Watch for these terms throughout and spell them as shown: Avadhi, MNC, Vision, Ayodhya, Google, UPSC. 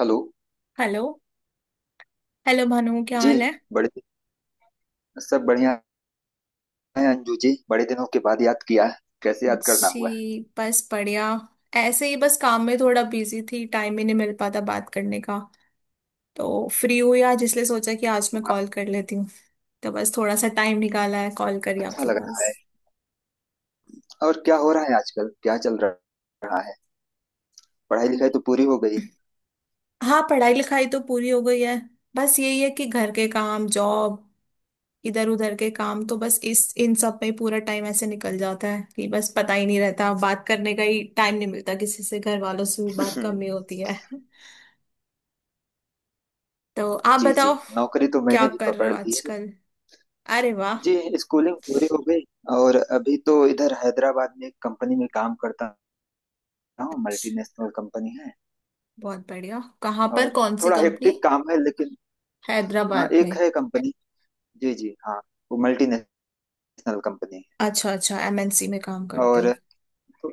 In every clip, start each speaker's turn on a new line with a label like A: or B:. A: Hello
B: hello. Hello Bhanu, क्या
A: जी।
B: हाल है?
A: बड़े सब बढ़िया है अंजू जी। बड़े दिनों के बाद याद किया है। कैसे याद करना हुआ है?
B: जी, बस बढ़िया। ऐसे ही बस काम में थोड़ा बिजी थी, टाइम ही नहीं मिल पाता बात करने का, तो फ्री हुई आज, इसलिए सोचा कि आज मैं
A: वाह,
B: कॉल कर लेती हूँ। तो बस थोड़ा सा टाइम निकाला है, कॉल करी
A: अच्छा
B: आपके
A: लग रहा
B: पास।
A: है। और क्या हो रहा है आजकल, क्या चल रहा है? पढ़ाई लिखाई तो पूरी हो गई।
B: हाँ, पढ़ाई लिखाई तो पूरी हो गई है। बस यही है कि घर के काम, जॉब, इधर उधर के काम, तो बस इस इन सब में ही पूरा टाइम ऐसे निकल जाता है कि बस पता ही नहीं रहता, बात करने का ही टाइम नहीं मिलता किसी से, घर वालों से भी बात
A: हम्म,
B: कम ही होती है। तो आप
A: जी जी।
B: बताओ,
A: नौकरी तो
B: क्या
A: मैंने भी
B: कर रहे
A: पकड़
B: हो
A: ली है।
B: आजकल? अरे वाह!
A: जी, स्कूलिंग पूरी हो गई और अभी तो इधर हैदराबाद में एक कंपनी में काम करता हूँ।
B: अच्छा,
A: मल्टीनेशनल कंपनी है।
B: बहुत बढ़िया। कहाँ पर,
A: और
B: कौन सी
A: थोड़ा
B: कंपनी?
A: हेक्टिक काम है लेकिन, हाँ,
B: हैदराबाद में?
A: एक है कंपनी। जी जी हाँ, वो मल्टीनेशनल कंपनी है।
B: अच्छा अच्छा, एमएनसी में काम करते
A: और
B: हो।
A: तो-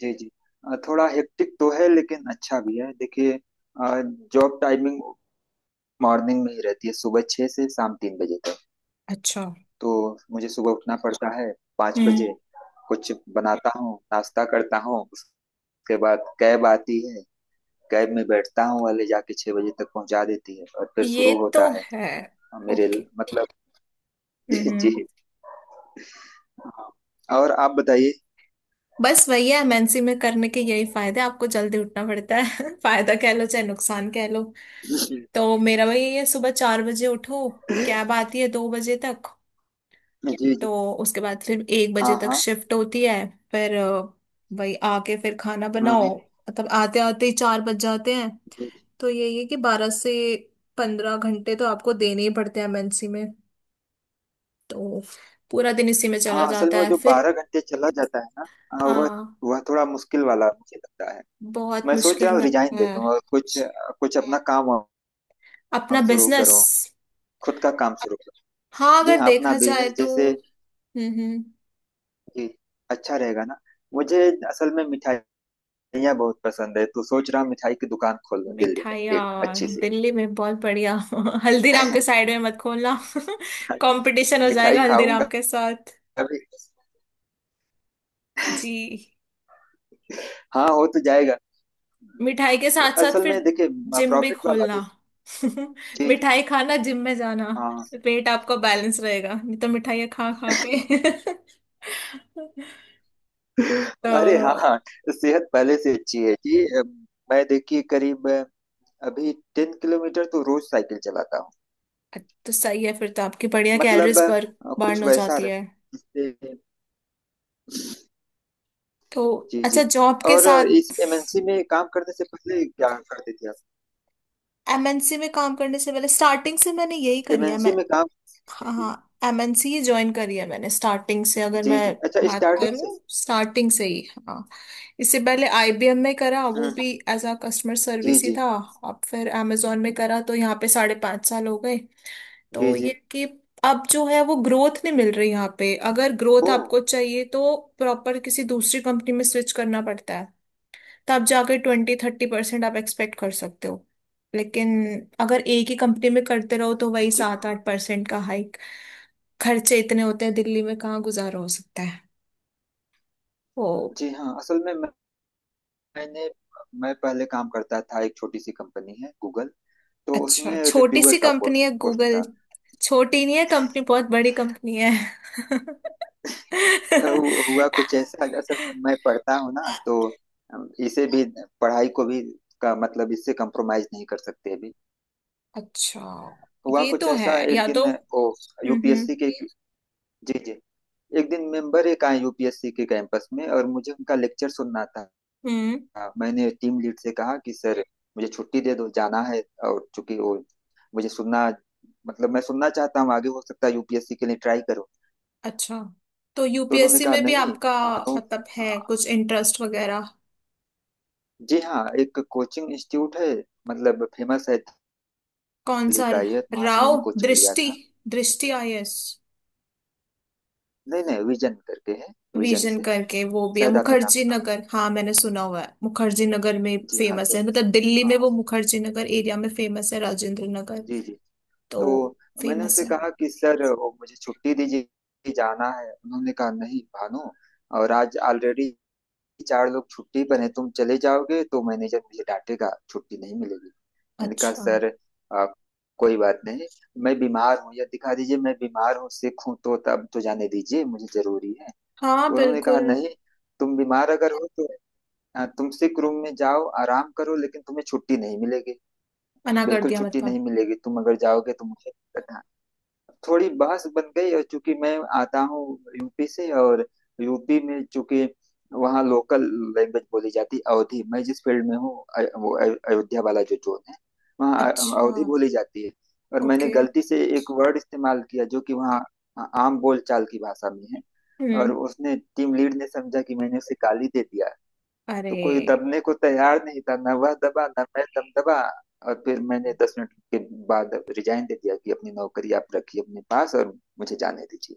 A: जी जी। थोड़ा हेक्टिक तो है लेकिन अच्छा भी है। देखिए जॉब टाइमिंग मॉर्निंग में ही रहती है, सुबह 6 से शाम 3 बजे तक।
B: अच्छा।
A: तो मुझे सुबह उठना पड़ता है पाँच
B: हम्म।
A: बजे कुछ बनाता हूँ, नाश्ता करता हूँ, उसके बाद कैब आती है। कैब में बैठता हूँ और ले जाके 6 बजे तक पहुँचा देती है, और फिर
B: ये
A: शुरू होता
B: तो
A: है
B: है।
A: मेरे
B: ओके।
A: मतलब। जी
B: हम्म।
A: जी। और आप बताइए?
B: बस वही है, एमएनसी में करने के यही फायदे हैं, आपको जल्दी उठना पड़ता है। फायदा कह लो चाहे नुकसान कह लो।
A: जी
B: तो मेरा वही है, सुबह 4 बजे उठो, कैब आती है 2 बजे तक,
A: जी,
B: तो उसके बाद फिर 1 बजे
A: हाँ
B: तक
A: हाँ।
B: शिफ्ट होती है। फिर वही आके फिर खाना
A: हम्म
B: बनाओ।
A: हम्म।
B: मतलब आते आते ही 4 बज जाते हैं।
A: जी
B: तो यही है कि 12 से 15 घंटे तो आपको देने ही पड़ते हैं एमएनसी में, तो पूरा दिन इसी में चला
A: हाँ, असल में
B: जाता
A: वो
B: है
A: जो
B: फिर।
A: 12 घंटे चला जाता है ना, हाँ, वह
B: हाँ।
A: वह थोड़ा मुश्किल वाला मुझे लगता है।
B: बहुत
A: मैं सोच रहा
B: मुश्किल
A: हूँ रिजाइन
B: लगता
A: दे
B: है।
A: दूँ और कुछ कुछ अपना काम वाम
B: अपना
A: शुरू
B: बिजनेस।
A: करूँ खुद का काम शुरू करूँ।
B: हाँ,
A: जी
B: अगर
A: हाँ, अपना
B: देखा जाए
A: बिजनेस
B: तो।
A: जैसे
B: हम्म।
A: कि अच्छा रहेगा ना मुझे। असल में मिठाइयाँ बहुत पसंद है, तो सोच रहा हूँ मिठाई की दुकान खोल लूँ दिल्ली में एक
B: मिठाइयाँ
A: अच्छी सी।
B: दिल्ली में बहुत बढ़िया। हल्दीराम के साइड में मत खोलना। कंपटीशन हो
A: मिठाई
B: जाएगा हल्दीराम
A: खाऊंगा
B: के साथ।
A: अभी।
B: जी।
A: हाँ, हो तो जाएगा।
B: मिठाई के
A: तो
B: साथ साथ
A: असल
B: फिर
A: में देखिए,
B: जिम भी
A: प्रॉफिट वाला
B: खोलना।
A: भी चीज।
B: मिठाई खाना, जिम में जाना,
A: हाँ,
B: पेट आपका बैलेंस रहेगा, नहीं तो मिठाइयाँ खा खा के।
A: अरे हाँ
B: तो।
A: हाँ, सेहत पहले से अच्छी है जी। मैं देखिए करीब अभी 10 किलोमीटर तो रोज साइकिल चलाता हूँ।
B: तो सही है, फिर तो आपकी बढ़िया
A: मतलब
B: कैलोरीज बर्न बर्न
A: कुछ
B: हो
A: वैसा
B: जाती है।
A: रहे जिससे।
B: तो।
A: जी जी।
B: अच्छा, जॉब के
A: और इस
B: साथ
A: एमएनसी में काम करने से पहले क्या करते थे आप?
B: एमएनसी में काम करने से पहले स्टार्टिंग से मैंने यही करी है।
A: एमएनसी में काम जी
B: हाँ
A: जी।
B: हाँ, एमएनसी ही ज्वाइन करी है मैंने स्टार्टिंग से, अगर
A: जी
B: मैं
A: जी अच्छा,
B: बात
A: स्टार्टिंग से।
B: करूँ स्टार्टिंग से ही। हाँ। इससे पहले आईबीएम में करा, वो
A: हम्म।
B: भी एज अ कस्टमर
A: जी
B: सर्विस ही
A: जी।
B: था। अब फिर amazon में करा, तो यहाँ पे 5.5 साल हो गए।
A: जी
B: तो ये
A: जी।
B: कि अब जो है वो ग्रोथ नहीं मिल रही यहाँ पे, अगर ग्रोथ
A: ओ,
B: आपको चाहिए तो प्रॉपर किसी दूसरी कंपनी में स्विच करना पड़ता है। तब जाके 20-30% आप एक्सपेक्ट कर सकते हो। लेकिन अगर एक ही कंपनी में करते रहो तो वही
A: जी
B: सात
A: हाँ।
B: आठ परसेंट का हाइक। खर्चे इतने होते हैं दिल्ली में, कहाँ गुजारा हो सकता है। ओ।
A: जी हाँ, असल में मैंने मैं पहले काम करता था, एक छोटी सी कंपनी है गूगल, तो
B: अच्छा,
A: उसमें
B: छोटी
A: रिव्यूअर
B: सी
A: का
B: कंपनी है
A: पोस्ट पोस्ट
B: गूगल?
A: था।
B: छोटी नहीं है कंपनी, बहुत बड़ी कंपनी है।
A: हुआ कुछ ऐसा, असल में मैं पढ़ता हूँ ना तो इसे भी, पढ़ाई को भी का मतलब इससे कंप्रोमाइज नहीं कर सकते अभी।
B: अच्छा।
A: हुआ
B: ये
A: कुछ
B: तो है,
A: ऐसा एक
B: या तो।
A: दिन, वो
B: हम्म हम्म
A: यूपीएससी के जी जी। एक दिन मेंबर एक आए यूपीएससी के कैंपस में और मुझे उनका लेक्चर सुनना था।
B: हम्म,
A: मैंने टीम लीड से कहा कि सर मुझे छुट्टी दे दो, जाना है, और चूंकि वो मुझे सुनना मतलब मैं सुनना चाहता हूँ, आगे हो सकता है यूपीएससी के लिए ट्राई करो।
B: अच्छा, तो
A: तो उन्होंने
B: यूपीएससी
A: कहा
B: में भी
A: नहीं,
B: आपका
A: मानो,
B: मतलब है कुछ इंटरेस्ट वगैरह?
A: जी हाँ, एक कोचिंग इंस्टीट्यूट है, मतलब फेमस है,
B: कौन
A: दिल्ली
B: सा?
A: का, ये तो वहां से
B: राव?
A: मैंने कोचिंग लिया
B: दृष्टि?
A: था।
B: दृष्टि आईएएस?
A: नहीं नहीं, विजन करके है, विजन
B: विजन
A: से,
B: करके वो भी है
A: शायद आपने नाम
B: मुखर्जी
A: सुना हो।
B: नगर, हाँ मैंने सुना हुआ है, मुखर्जी नगर में
A: जी हाँ,
B: फेमस
A: तो,
B: है, मतलब दिल्ली में
A: हाँ,
B: वो मुखर्जी नगर एरिया में फेमस है, राजेंद्र नगर।
A: जी जी,
B: तो
A: तो मैंने
B: फेमस
A: उनसे
B: है।
A: कहा कि सर वो मुझे छुट्टी दीजिए, जाना है। उन्होंने कहा नहीं भानु, और आज ऑलरेडी चार लोग छुट्टी पर हैं, तुम चले जाओगे तो मैनेजर मुझे डांटेगा, छुट्टी नहीं मिलेगी। मैंने कहा
B: अच्छा।
A: सर आ, कोई बात नहीं, मैं बीमार हूँ, या दिखा दीजिए मैं बीमार हूँ, सिक हूँ, तो तब तो जाने दीजिए, मुझे जरूरी है।
B: हाँ,
A: तो उन्होंने कहा
B: बिल्कुल।
A: नहीं, तुम बीमार अगर हो तो तुम सिक रूम में जाओ, आराम करो, लेकिन तुम्हें छुट्टी नहीं मिलेगी।
B: मना कर
A: बिल्कुल
B: दिया
A: छुट्टी
B: मतलब?
A: नहीं मिलेगी, तुम अगर जाओगे तो मुझे। थोड़ी बहस बन गई, और चूंकि मैं आता हूँ यूपी से, और यूपी में चूंकि वहाँ लोकल लैंग्वेज बोली जाती है अवधी। मैं जिस फील्ड में हूँ वो अयोध्या वाला जो जोन है, वहाँ
B: अच्छा।
A: अवधी बोली जाती है। और मैंने
B: ओके।
A: गलती से एक वर्ड इस्तेमाल किया जो कि वहाँ आम बोलचाल की भाषा में है, और
B: हम्म।
A: उसने, टीम लीड ने, समझा कि मैंने उसे गाली दे दिया। तो
B: अरे!
A: कोई दबने को तैयार नहीं था ना, वह दबा ना मैं दम दबा, और फिर मैंने 10 मिनट के बाद रिजाइन दे दिया कि अपनी नौकरी आप रखिए अपने पास और मुझे जाने दीजिए।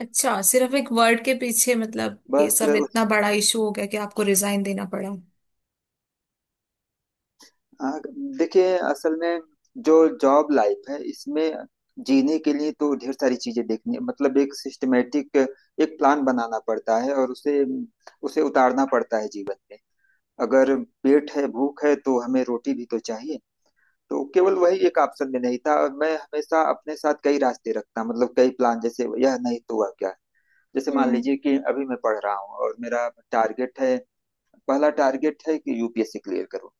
B: अच्छा, सिर्फ एक वर्ड के पीछे मतलब ये
A: बस,
B: सब इतना बड़ा इशू हो गया कि आपको रिजाइन देना पड़ा?
A: आ, देखिए, असल में जो जॉब लाइफ है, इसमें जीने के लिए तो ढेर सारी चीजें देखनी, मतलब एक सिस्टमेटिक एक प्लान बनाना पड़ता है और उसे उसे उतारना पड़ता है जीवन में। अगर पेट है, भूख है, तो हमें रोटी भी तो चाहिए। तो केवल वही एक ऑप्शन में नहीं था, और मैं हमेशा अपने साथ कई रास्ते रखता, मतलब कई प्लान, जैसे यह नहीं तो हुआ क्या। जैसे मान
B: हम्म।
A: लीजिए कि अभी मैं पढ़ रहा हूँ, और मेरा टारगेट है, पहला टारगेट है कि यूपीएससी क्लियर करूँ।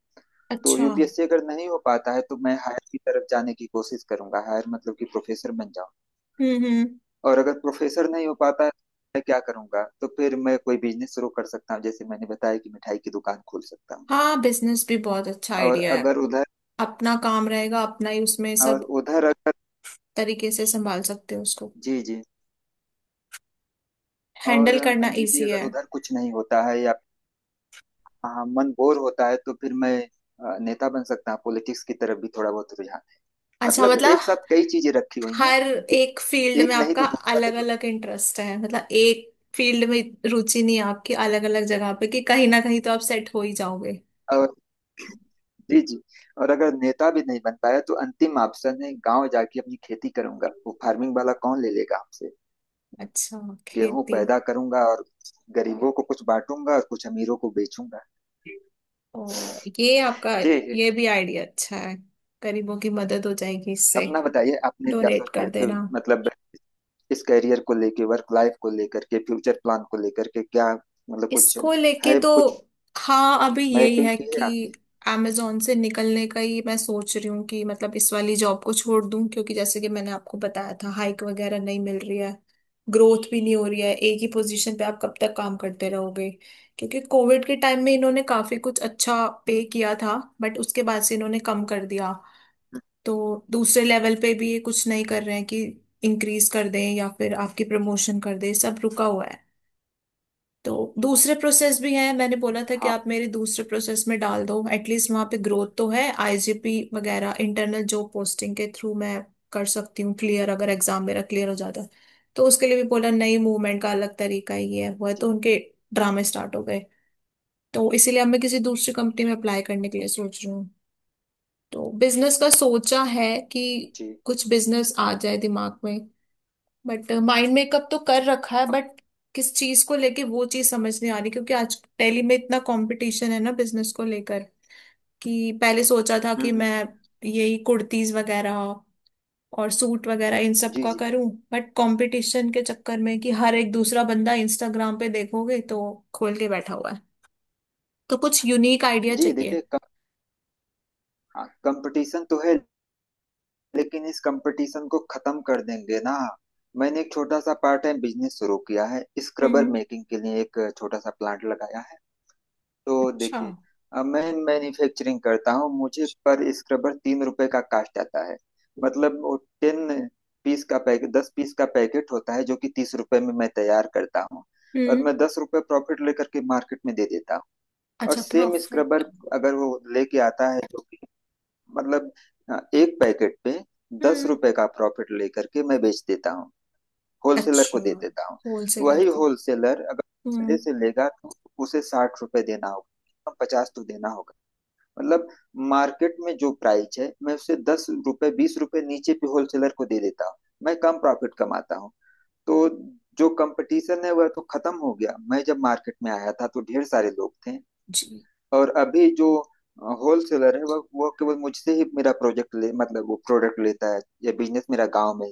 A: तो
B: अच्छा।
A: यूपीएससी अगर नहीं हो पाता है तो मैं हायर की तरफ जाने की कोशिश करूंगा, हायर मतलब कि प्रोफेसर बन जाऊँ।
B: हम्म।
A: और अगर प्रोफेसर नहीं हो पाता है, मैं क्या करूंगा, तो फिर मैं कोई बिजनेस शुरू कर सकता हूँ, जैसे मैंने बताया कि मिठाई की दुकान खोल सकता हूँ।
B: हाँ, बिजनेस भी बहुत अच्छा
A: और
B: आइडिया है।
A: अगर उधर
B: अपना काम रहेगा, अपना ही, उसमें
A: और
B: सब
A: उधर अगर
B: तरीके से संभाल सकते हो उसको,
A: जी जी, और
B: हैंडल करना
A: अंजू जी,
B: इजी है।
A: अगर उधर कुछ नहीं होता है, या हाँ, मन बोर होता है, तो फिर मैं नेता बन सकता हूँ। पॉलिटिक्स की तरफ भी थोड़ा बहुत रुझान है।
B: अच्छा
A: मतलब
B: मतलब,
A: एक साथ कई चीजें रखी हुई हैं,
B: हर एक फील्ड में
A: एक नहीं
B: आपका
A: तो दूसरा
B: अलग
A: देखो।
B: अलग इंटरेस्ट है, मतलब एक फील्ड में रुचि नहीं है आपकी, अलग अलग जगह पे, कि कहीं ना कहीं तो आप सेट हो ही जाओगे।
A: और जी जी, और अगर नेता भी नहीं बन पाया तो अंतिम ऑप्शन है गांव जाके अपनी खेती करूंगा। वो फार्मिंग वाला कौन ले लेगा हमसे?
B: अच्छा।
A: गेहूं
B: खेती?
A: पैदा करूंगा और गरीबों को कुछ बांटूंगा और कुछ अमीरों को बेचूंगा।
B: ओ ये आपका।
A: जी
B: ये
A: जी,
B: भी आइडिया अच्छा है। गरीबों की मदद हो जाएगी इससे।
A: अपना बताइए आपने क्या
B: डोनेट
A: सोचा है
B: कर
A: तो?
B: देना।
A: मतलब इस करियर को लेके, वर्क लाइफ को लेकर के, फ्यूचर प्लान को लेकर के, क्या मतलब कुछ
B: इसको लेके
A: है?
B: तो।
A: कुछ
B: हाँ, अभी यही
A: मैपिंग
B: है
A: की है आपने?
B: कि amazon से निकलने का ही मैं सोच रही हूँ, कि मतलब इस वाली जॉब को छोड़ दूँ, क्योंकि जैसे कि मैंने आपको बताया था हाइक वगैरह नहीं मिल रही है। ग्रोथ भी नहीं हो रही है, एक ही पोजीशन पे आप कब तक काम करते रहोगे। क्योंकि कोविड के टाइम में इन्होंने काफी कुछ अच्छा पे किया था बट उसके बाद से इन्होंने कम कर दिया। तो दूसरे लेवल पे भी ये कुछ नहीं कर रहे हैं कि इंक्रीज कर दें या फिर आपकी प्रमोशन कर दें, सब रुका हुआ है। तो दूसरे प्रोसेस भी हैं, मैंने बोला था कि
A: हाँ
B: आप मेरे दूसरे प्रोसेस में डाल दो, एटलीस्ट वहां पे ग्रोथ तो है, आईजीपी वगैरह, इंटरनल जॉब पोस्टिंग के थ्रू मैं कर सकती हूँ। क्लियर, अगर एग्जाम मेरा क्लियर हो जाता है तो, उसके लिए भी बोला, नई मूवमेंट का अलग तरीका ही है, हुआ है,
A: जी
B: तो उनके ड्रामे स्टार्ट हो गए। तो इसीलिए अब मैं किसी दूसरी कंपनी में अप्लाई करने के लिए सोच रही हूँ। तो बिजनेस का सोचा है कि
A: जी।
B: कुछ बिजनेस आ जाए दिमाग में, बट माइंड मेकअप तो कर रखा है, बट किस चीज को लेके वो चीज समझ नहीं आ रही, क्योंकि आज दिल्ली में इतना कंपटीशन है ना बिजनेस को लेकर, कि पहले सोचा था
A: हम्म
B: कि
A: हम्म,
B: मैं यही कुर्तीज वगैरह और सूट वगैरह इन सब
A: जी
B: का
A: जी।
B: करूं, बट कंपटीशन के चक्कर में, कि हर एक दूसरा बंदा इंस्टाग्राम पे देखोगे तो खोल के बैठा हुआ है, तो कुछ यूनिक आइडिया
A: जी
B: चाहिए।
A: देखिए, कंपटीशन तो है लेकिन इस कंपटीशन को खत्म कर देंगे ना। मैंने एक छोटा सा पार्ट टाइम बिजनेस शुरू किया है, स्क्रबर
B: हम्म।
A: मेकिंग के लिए एक छोटा सा प्लांट लगाया है। तो
B: अच्छा।
A: देखिए, अब मैं मैन्युफैक्चरिंग करता हूँ, मुझे पर स्क्रबर 3 रुपए का कास्ट आता है। मतलब वो 10 पीस का पैकेट, 10 पीस का पैकेट होता है, जो कि 30 रुपए में मैं तैयार करता हूँ। और
B: हम्म।
A: मैं 10 रुपए प्रॉफिट लेकर के मार्केट में दे देता हूँ। और
B: अच्छा,
A: सेम स्क्रबर
B: प्रॉफिट।
A: अगर वो लेके आता है, जो कि मतलब एक पैकेट पे दस
B: हम्म।
A: रुपए का प्रॉफिट लेकर के मैं बेच देता हूँ, होलसेलर
B: अच्छा।
A: को दे देता हूँ।
B: होलसेलर
A: वही
B: को।
A: होलसेलर अगर दूसरे
B: हम्म।
A: से लेगा तो उसे 60 रुपए देना होगा, 50 तो देना होगा। मतलब मार्केट में जो प्राइस है, मैं उसे 10 रुपए 20 रुपए नीचे भी होलसेलर को दे देता हूँ, मैं कम प्रॉफिट कमाता हूँ। तो जो कंपटीशन है वह तो खत्म हो गया। मैं जब मार्केट में आया था तो ढेर सारे लोग थे।
B: जी।
A: और अभी जो होलसेलर है वह केवल मुझसे ही मेरा प्रोजेक्ट ले, मतलब वो प्रोडक्ट लेता है या बिजनेस मेरा गांव में।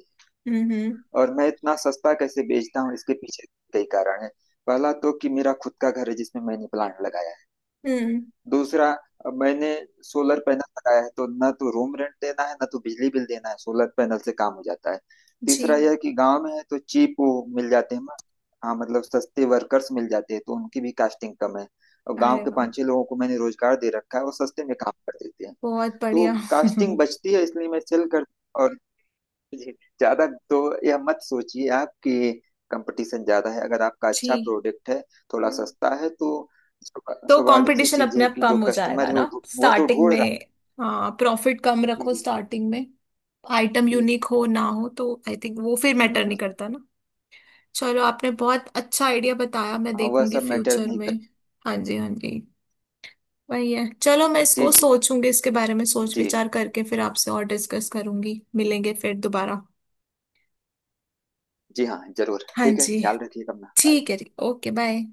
B: हम्म
A: और मैं इतना सस्ता कैसे बेचता हूँ, इसके पीछे कई कारण है। पहला तो कि मेरा खुद का घर है जिसमें मैंने प्लांट लगाया है।
B: हम्म।
A: दूसरा, अब मैंने सोलर पैनल लगाया है, तो न तो रूम रेंट देना है, न तो बिजली बिल देना है, सोलर पैनल से काम हो जाता है। तीसरा
B: जी।
A: यह कि गांव में है तो चीप वो मिल जाते हैं, हाँ, मतलब सस्ते वर्कर्स मिल जाते हैं, तो उनकी भी कास्टिंग कम है। और गांव
B: अरे
A: के
B: वाह!
A: 5-6 लोगों को मैंने रोजगार दे रखा है, वो सस्ते में काम कर देते हैं।
B: बहुत
A: तो
B: बढ़िया।
A: कास्टिंग बचती है, इसलिए मैं सेल कर, और जी, ज्यादा तो यह मत सोचिए आप कि कंपटीशन ज्यादा है। अगर आपका अच्छा
B: जी।
A: प्रोडक्ट है, थोड़ा
B: हम्म।
A: सस्ता है, तो
B: तो
A: स्वाभाविक सी
B: कंपटीशन
A: चीज
B: अपने
A: है
B: आप
A: कि जो
B: कम हो
A: कस्टमर
B: जाएगा
A: है
B: ना।
A: वो वह तो
B: स्टार्टिंग
A: ढूंढ
B: में।
A: रहा
B: हाँ, प्रॉफिट कम
A: है। जी
B: रखो
A: जी
B: स्टार्टिंग में। आइटम
A: जी,
B: यूनिक हो ना हो तो आई थिंक वो फिर मैटर
A: हम्म।
B: नहीं करता ना। चलो, आपने बहुत अच्छा आइडिया बताया, मैं
A: हाँ, वह
B: देखूंगी
A: सब मैटर
B: फ्यूचर
A: नहीं
B: में।
A: कर।
B: हाँ जी, हाँ जी। वही है, चलो मैं
A: जी
B: इसको
A: जी
B: सोचूंगी, इसके बारे में सोच
A: जी
B: विचार करके फिर आपसे और डिस्कस करूंगी, मिलेंगे फिर दोबारा।
A: जी, हाँ जरूर,
B: हाँ
A: ठीक है,
B: जी।
A: ख्याल रखिएगा अपना, बाय।
B: ठीक है जी, ओके बाय।